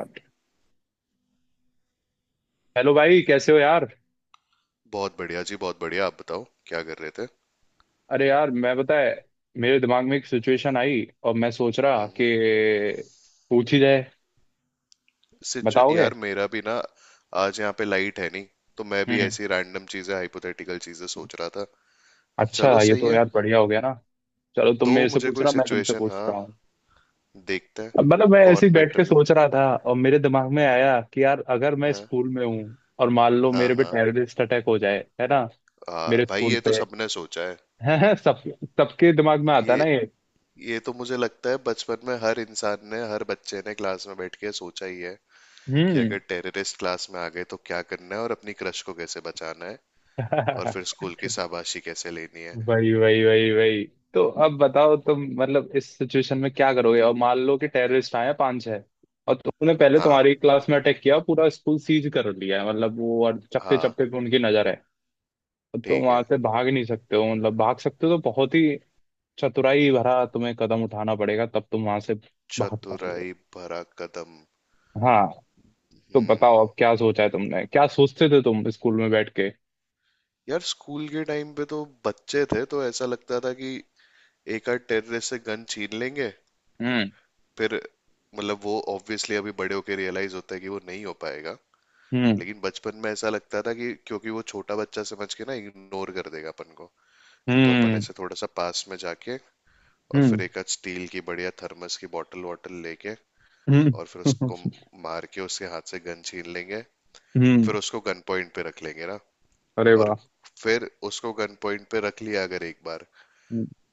Hello. भाई कैसे हो यार? बहुत बढ़िया जी, बहुत बढ़िया। आप बताओ क्या कर रहे थे? अरे यार, मैं बताए, मेरे दिमाग में एक सिचुएशन आई और मैं सोच रहा कि हम्म। पूछ ही जाए। सिचु बताओगे? यार मेरा भी ना, आज यहाँ पे लाइट है नहीं, तो मैं भी हम्म। ऐसी रैंडम चीजें, हाइपोथेटिकल चीजें सोच रहा था। अच्छा, चलो ये सही तो है। यार बढ़िया हो गया ना। चलो, तुम दो मेरे से मुझे पूछ कोई रहा, मैं तुमसे सिचुएशन। पूछ हाँ, रहा हूँ। देखते हैं। अब मतलब मैं ऐसे ही कौन बैठ के बेटर? सोच रहा था और मेरे दिमाग में आया कि यार, अगर मैं हाँ स्कूल में हूँ और मान लो हाँ। मेरे पे हाँ। टेररिस्ट अटैक हो जाए, है ना? हाँ, मेरे भाई स्कूल ये तो पे। सबने सोचा है। सब सबके दिमाग में आता है ना ये ये। ये तो मुझे लगता है बचपन में हर इंसान ने, हर बच्चे ने क्लास में बैठ के सोचा ही है कि हम्म। अगर टेररिस्ट क्लास में आ गए तो क्या करना है, और अपनी क्रश को कैसे बचाना है, और फिर स्कूल की शाबाशी कैसे लेनी है। वही वही वही वही। तो अब बताओ तुम, मतलब इस सिचुएशन में क्या करोगे, और मान लो कि टेररिस्ट आए हैं पांच छह। और तुमने पहले हाँ। तुम्हारी क्लास में अटैक किया, पूरा स्कूल सीज कर लिया है मतलब वो, और चप्पे हाँ। चप्पे पे उनकी नजर है। और तुम ठीक वहां है। से भाग नहीं सकते हो, मतलब भाग सकते हो तो बहुत ही चतुराई भरा तुम्हें कदम उठाना पड़ेगा, तब तुम वहां से भाग पाओगे। चतुराई भरा कदम। हाँ। तो बताओ, हम्म। अब क्या सोचा है तुमने, क्या सोचते थे तुम स्कूल में बैठ के। यार स्कूल के टाइम पे तो बच्चे थे, तो ऐसा लगता था कि एक आध टेररिस्ट से गन छीन लेंगे। हम्म। फिर मतलब वो ऑब्वियसली अभी बड़े होके रियलाइज होता है कि वो नहीं हो पाएगा। हम्म। लेकिन बचपन में ऐसा लगता था कि क्योंकि वो छोटा बच्चा समझ के ना इग्नोर कर देगा अपन को, तो अपन हम्म। ऐसे थोड़ा सा पास में जाके और हम्म। फिर एक आध स्टील की बढ़िया थर्मस की बॉटल वॉटल लेके, हम्म। और फिर उसको मार के उसके हाथ से गन छीन लेंगे। हम्म। फिर उसको गन पॉइंट पे रख लेंगे ना। अरे और वाह। फिर उसको गन पॉइंट पे रख लिया अगर एक बार,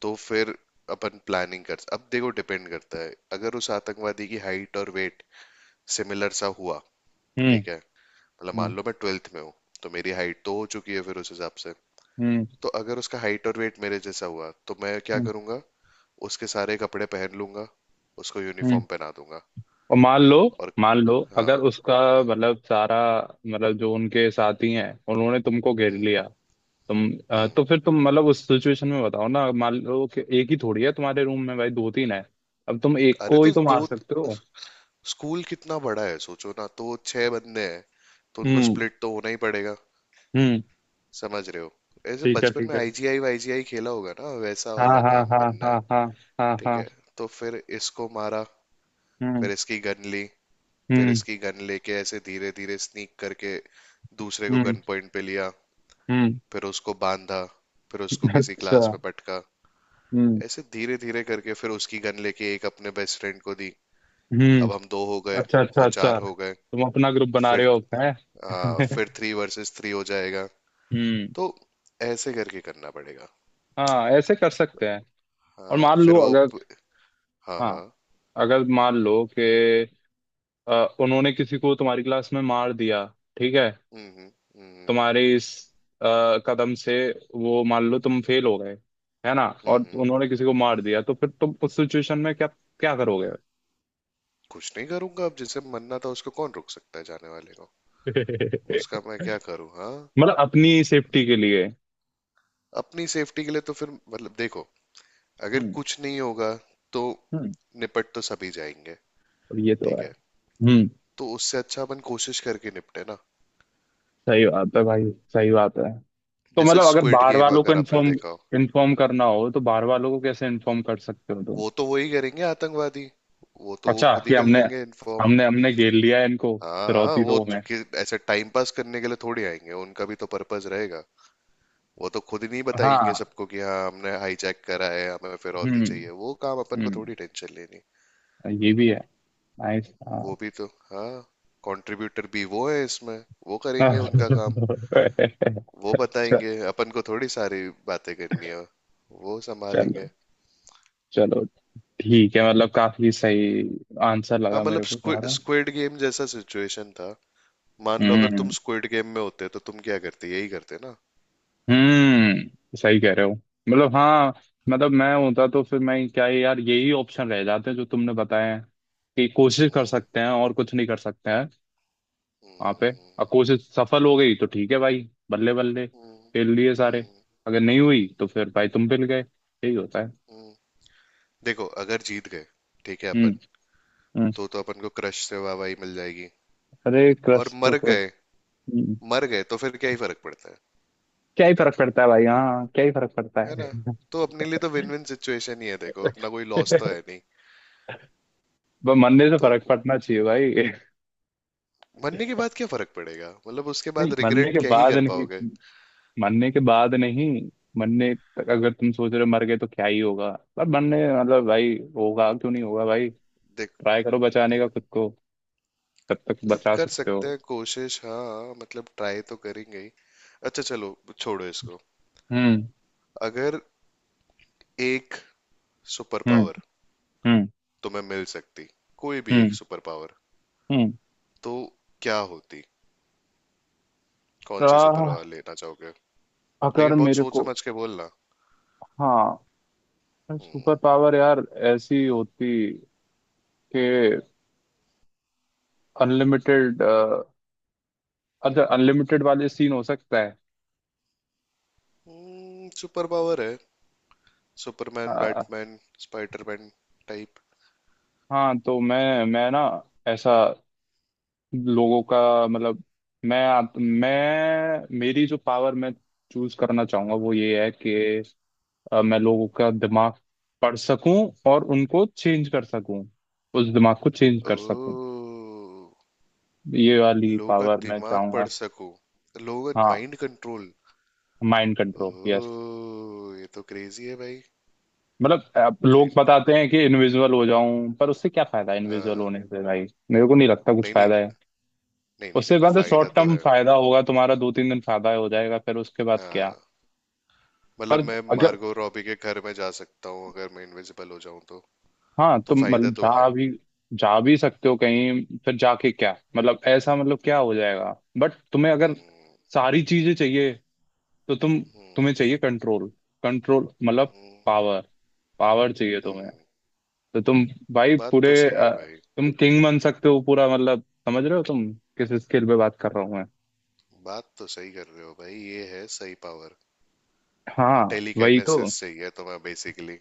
तो फिर अपन प्लानिंग कर। अब देखो, डिपेंड करता है, अगर उस आतंकवादी की हाइट और वेट सिमिलर सा हुआ। हम्म। ठीक है। मतलब हम्म। मान लो मैं 12th में हूँ, तो मेरी हाइट तो हो चुकी है, फिर उस हिसाब से। हम्म। तो अगर उसका हाइट और वेट मेरे जैसा हुआ तो मैं क्या हम्म। करूंगा, उसके सारे कपड़े पहन लूंगा, उसको हम्म। यूनिफॉर्म पहना दूंगा। और और मान लो अगर हाँ। उसका हाँ। मतलब सारा, मतलब जो उनके साथी हैं उन्होंने तुमको घेर हम्म। लिया। तुम हम्म। तो फिर तुम मतलब उस सिचुएशन में बताओ ना, मान लो कि एक ही थोड़ी है तुम्हारे रूम में भाई, दो तीन है। अब तुम एक अरे, को ही तो तो दो, मार सकते हो। स्कूल कितना बड़ा है सोचो ना, तो छह बंदे हैं, तो उनको हम्म। स्प्लिट तो होना ही पड़ेगा। हम्म। समझ रहे हो? ऐसे ठीक है, बचपन ठीक में है। आईजीआई-वाईजीआई खेला होगा ना, वैसा हाँ, वाला हाँ, काम हाँ, करना है। हाँ, हाँ, हाँ, ठीक हाँ। है। तो फिर इसको मारा, हम्म। फिर इसकी गन ली, फिर हम्म। इसकी गन लेके ऐसे धीरे धीरे स्नीक करके दूसरे को हम्म। गन पॉइंट पे लिया, हम्म। फिर उसको बांधा, फिर उसको किसी अच्छा। क्लास में पटका। हम्म। ऐसे धीरे धीरे करके फिर उसकी गन लेके एक अपने बेस्ट फ्रेंड को दी। अब हम हम्म। दो हो गए, अच्छा, अच्छा, वो चार अच्छा, हो गए, तुम अपना ग्रुप बना रहे फिर हो, हैं? फिर थ्री वर्सेस थ्री हो जाएगा। हम्म। तो ऐसे करके करना पड़ेगा। हाँ, ऐसे कर सकते हैं। और हाँ मान लो फिर वो। अगर, हाँ। हाँ, हाँ। अगर मान लो कि अ, उन्होंने किसी को तुम्हारी क्लास में मार दिया, ठीक है। हम्म। हम्म। तुम्हारे इस अ, कदम से, वो मान लो तुम फेल हो गए, है ना? हम्म। और हम्म। उन्होंने किसी को मार दिया, तो फिर तुम उस सिचुएशन में क्या क्या करोगे? कुछ नहीं करूंगा। अब जिसे मनना था उसको कौन रोक सकता है, जाने वाले को। उसका मैं क्या करूँ? हाँ। मतलब अपनी सेफ्टी के लिए। अपनी सेफ्टी के लिए तो फिर मतलब देखो, अगर हम्म। कुछ नहीं होगा तो हम्म। निपट तो सभी जाएंगे। और ये तो ठीक है। है, हम्म। तो उससे अच्छा अपन कोशिश करके निपटे ना। सही बात है भाई। सही बात है। तो जैसे मतलब अगर स्क्विड बाहर गेम वालों को अगर आपने इन्फॉर्म देखा हो। इन्फॉर्म करना हो तो बाहर वालों को कैसे इन्फॉर्म कर सकते हो तुम? वो तो वही करेंगे आतंकवादी, वो तो वो अच्छा खुद ही कि कर हमने, लेंगे इन्फॉर्म। हमने घेर लिया है इनको, हाँ। हाँ, फिरौती वो दो तो में। ऐसे टाइम पास करने के लिए थोड़ी आएंगे, उनका भी तो पर्पस रहेगा। वो तो खुद ही नहीं बताएंगे हाँ। सबको कि हाँ हमने हाईजैक करा है, हमें फिरौती हम्म। चाहिए, वो काम अपन को हम्म। थोड़ी टेंशन लेनी। ये भी है। नाइस। हाँ। वो भी तो। हाँ। कंट्रीब्यूटर भी वो है इसमें। वो करेंगे उनका काम। अच्छा। वो बताएंगे अपन को, थोड़ी सारी बातें करनी है, वो संभालेंगे। चलो, चलो ठीक है, मतलब काफी सही आंसर हाँ लगा मतलब मेरे को तुम्हारा। स्क्विड गेम जैसा सिचुएशन था। मान लो अगर तुम हम्म। स्क्विड गेम में होते तो तुम क्या करते, यही करते ना। हम्म, सही कह रहे हो। मतलब हाँ, मतलब मैं होता तो फिर मैं क्या है यार, यही ऑप्शन रह जाते हैं जो तुमने बताए हैं कि कोशिश कर हम्म। सकते हैं और कुछ नहीं कर सकते हैं। वहां हम्म। पे। और हम्म। कोशिश सफल हो गई तो ठीक है भाई, बल्ले बल्ले, हम्म। पेल लिए हम्म। सारे। हम्म। अगर नहीं हुई तो फिर भाई तुम पेल गए, यही होता है। हम्म। देखो अगर जीत गए, ठीक है अपन, हम्म। हम्म। तो अपन को क्रश से वाहवाही मिल जाएगी। अरे और क्रश तो मर फिर। गए, हम्म। मर गए तो फिर क्या ही फर्क पड़ता है। क्या ही फर्क पड़ता है भाई, हाँ, क्या ही फर्क पड़ता है ना। है। तो अपने लिए तो विन विन सिचुएशन ही है देखो, अपना कोई लॉस तो है नहीं। मरने से तो फर्क पड़ना चाहिए भाई। मरने के बाद क्या फर्क पड़ेगा, मतलब उसके नहीं, बाद मरने रिग्रेट के क्या ही बाद कर नहीं, पाओगे। मरने के बाद नहीं। मरने तक अगर तुम सोच रहे हो, मर गए तो क्या ही होगा। पर मरने मतलब भाई, होगा क्यों नहीं, होगा भाई। देख। ट्राई करो बचाने का खुद को, जब तक मतलब बचा कर सकते सकते हो। हैं कोशिश, हाँ मतलब ट्राई तो करेंगे ही। अच्छा चलो, छोड़ो इसको। हम्म। अगर एक सुपर हम्म। पावर हम्म। तुम्हें मिल सकती, कोई भी एक हम्म। सुपर पावर, हम्म। तो क्या होती, कौन सी सुपर पावर आह, लेना चाहोगे? अगर लेकिन बहुत मेरे सोच को, समझ के बोलना। हाँ, सुपर पावर यार ऐसी होती कि, अनलिमिटेड, अच्छा अनलिमिटेड वाले सीन हो सकता है। सुपर पावर है। Superman, ah, Batman, Spiderman type. हाँ तो मैं ना, ऐसा, लोगों का मतलब, मैं मेरी जो पावर मैं चूज करना चाहूंगा वो ये है कि, मैं लोगों का दिमाग पढ़ सकूं और उनको चेंज कर सकूं, उस दिमाग को चेंज कर सकूं, ओ, ये वाली लोगों का पावर मैं दिमाग चाहूंगा। पढ़ सको, लोगों का हाँ। Mind control. Mind control. Yes. ओ, ये तो क्रेजी है भाई। मतलब अब तो लोग इन- बताते हैं कि इनविजिबल हो जाऊं, पर उससे क्या फायदा है इनविजिबल आ, होने से भाई, मेरे को नहीं लगता कुछ नहीं नहीं, फायदा है। नहीं नहीं, उससे देखो बाद फायदा शॉर्ट तो टर्म है। फायदा होगा तुम्हारा, दो तीन दिन फायदा हो जाएगा, फिर उसके बाद क्या? हाँ, मतलब पर मैं अगर, मार्गो रॉबी के घर में जा सकता हूँ अगर मैं इनविजिबल हो जाऊं तो। हाँ, तो तुम फायदा मतलब तो है। जा भी सकते हो कहीं, फिर जाके क्या मतलब, ऐसा मतलब क्या हो जाएगा? बट तुम्हें अगर सारी चीजें चाहिए, तो तुम्हें चाहिए कंट्रोल, कंट्रोल मतलब हम्म। पावर, पावर चाहिए तुम्हें। हम्म। तो तुम भाई बात पूरे तो सही है भाई। तुम किंग बन सकते हो पूरा मतलब, समझ रहे हो तुम किस स्केल पे बात कर रहा हूँ मैं। बात तो सही कर रहे हो भाई, ये है सही पावर। हाँ वही तो टेलीकाइनेसिस चाहिए तुम्हें बेसिकली।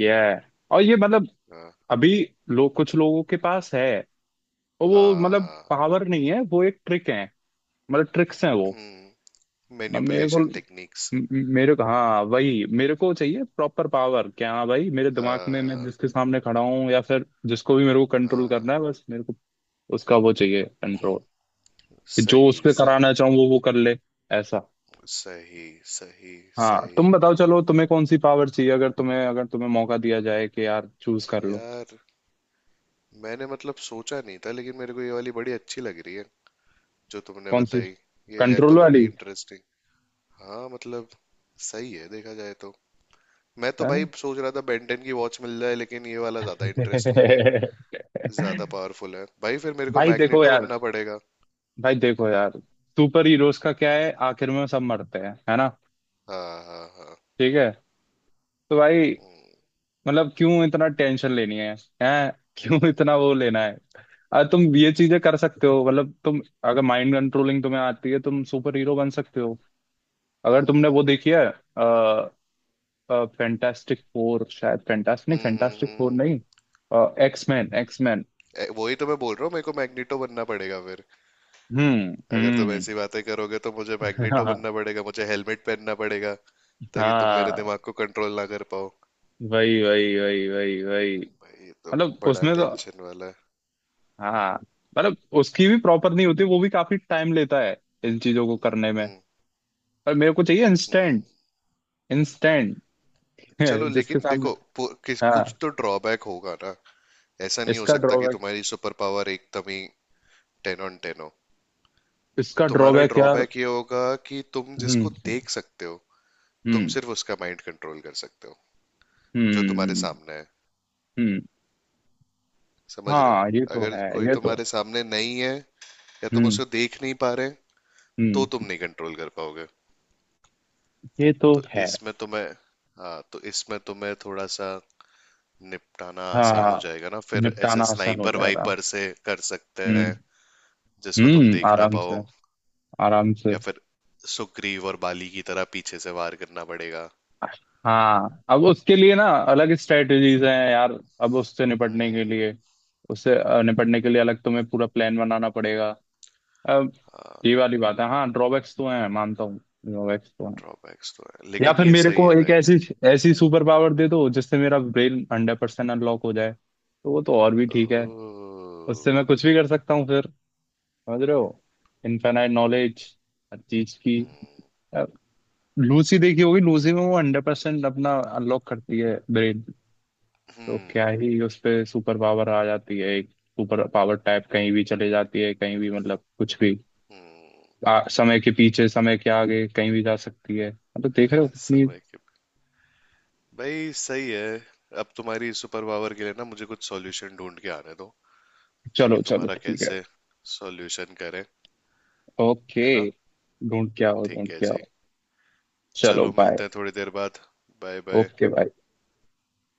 ये है, और ये मतलब हाँ। अभी लोग, कुछ लोगों के पास है, और वो मतलब हाँ। पावर नहीं है, वो एक ट्रिक है, मतलब ट्रिक्स हैं वो। म- मेरे को मैनिपुलेशन म- टेक्निक्स। मेरे को, हाँ वही मेरे को चाहिए प्रॉपर पावर, कि हाँ भाई मेरे दिमाग में मैं हाँ। जिसके सामने खड़ा हूँ या फिर जिसको भी मेरे को कंट्रोल हाँ। करना है, बस मेरे को उसका वो चाहिए कंट्रोल, जो उस सही, पे सही, कराना चाहूँ वो कर ले, ऐसा। सही, सही, हाँ तुम सही। बताओ, चलो तुम्हें कौन सी पावर चाहिए, अगर तुम्हें मौका दिया जाए कि यार चूज कर लो। यार मैंने मतलब सोचा नहीं था, लेकिन मेरे को ये वाली बड़ी अच्छी लग रही है, जो तुमने कौन सी? बताई। ये है तो कंट्रोल बड़ी वाली? इंटरेस्टिंग। हाँ मतलब सही है देखा जाए तो। मैं तो है ना? भाई सोच रहा था बेंटन की वॉच मिल जाए, लेकिन ये वाला ज्यादा इंटरेस्टिंग है, ज्यादा पावरफुल है भाई, फिर मेरे को भाई देखो मैग्नेटो यार बनना पड़ेगा। भाई देखो यार, सुपर हीरोज का क्या है, आखिर में सब मरते हैं, है ना? हाँ। हाँ। हाँ। ठीक है, तो भाई मतलब क्यों इतना टेंशन लेनी है, हैं? क्यों इतना वो लेना है। अरे तुम ये चीजें कर सकते हो, मतलब तुम अगर माइंड कंट्रोलिंग तुम्हें आती है तुम सुपर हीरो बन सकते हो, अगर तुमने वो हम्म। देखी है। फैंटास्टिक फोर, शायद फैंटास्टिक नहीं, हम्म। हम्म। फैंटास्टिक फोर हम्म। नहीं, एक्समैन, एक्समैन। ए, वही तो मैं बोल रहा हूँ, मेरे को मैग्नेटो बनना पड़ेगा फिर। हम्म। अगर तुम हम्म। ऐसी बातें करोगे तो मुझे मैग्नेटो हाँ, बनना पड़ेगा, मुझे हेलमेट पहनना पड़ेगा ताकि तुम मेरे हाँ। दिमाग को कंट्रोल ना कर पाओ। वही वही वही वही वही। भाई ये तो मतलब बड़ा उसमें तो टेंशन वाला है। हाँ, मतलब उसकी भी प्रॉपर नहीं होती, वो भी काफी टाइम लेता है इन चीजों को करने में। हम्म। पर मेरे को चाहिए हम्म। Instant, instant. चलो, जिसके लेकिन सामने। देखो, किस हाँ। कुछ तो ड्रॉबैक होगा ना, ऐसा नहीं हो इसका सकता कि ड्रॉबैक, तुम्हारी सुपर पावर एकदम ही टेन ऑन टेन हो। इसका तुम्हारा ड्रॉबैक यार। ड्रॉबैक ये होगा कि तुम जिसको हम्म। देख सकते हो, तुम हम्म। सिर्फ उसका माइंड कंट्रोल कर सकते हो, जो हम्म। तुम्हारे हम्म। सामने है। हम्म। समझ रहे हो? हाँ ये तो अगर है, कोई ये तो तुम्हारे है। सामने नहीं है या तुम हम्म। उसे देख नहीं पा रहे तो हम्म। तुम नहीं कंट्रोल कर पाओगे। ये तो तो है। इसमें तुम्हें, हाँ तो इसमें तुम्हें थोड़ा सा निपटाना आसान हो हाँ, जाएगा ना, फिर ऐसे निपटाना आसान हो स्नाइपर जाएगा। वाइपर से कर सकते हैं हम्म। जिसको तुम हम्म। देख ना आराम पाओ। से, आराम से। या फिर सुग्रीव और बाली की तरह पीछे से वार करना पड़ेगा। हाँ अब उसके लिए ना अलग स्ट्रेटजीज हैं यार, अब उससे निपटने के लिए, उससे निपटने के लिए अलग तुम्हें पूरा प्लान बनाना पड़ेगा अब। ये हाँ वाली बात है, हाँ ड्रॉबैक्स तो हैं, मानता हूँ। ड्रॉबैक्स तो हैं। ड्रॉबैक्स तो है, या लेकिन फिर ये मेरे सही को है एक भाई। ऐसी ऐसी सुपर पावर दे दो जिससे मेरा ब्रेन 100% अनलॉक हो जाए तो वो तो और भी ठीक है। ओह। उससे मैं कुछ भी कर सकता हूँ फिर, समझ रहे हो? इनफाइनाइट नॉलेज हर चीज की। अब लूसी देखी होगी, लूसी में वो 100% अपना अनलॉक करती है ब्रेन, तो हम्म। क्या ही उस पे सुपर पावर आ जाती है, एक सुपर पावर टाइप कहीं भी चले जाती है, कहीं भी मतलब कुछ भी। हम्म। समय के पीछे, समय के आगे, कहीं भी जा सकती है, हाँ, तो देख रहे हो कितनी। समय के भाई सही है। अब तुम्हारी सुपर पावर के लिए ना मुझे कुछ सॉल्यूशन ढूंढ के आने दो, ताकि चलो चलो तुम्हारा ठीक है, कैसे सॉल्यूशन करें। ओके, है ना। ढूंढ क्या हो, ढूंढ ठीक है क्या जी। हो, चलो चलो बाय, मिलते हैं थोड़ी देर बाद। Bye bye. Okay bye.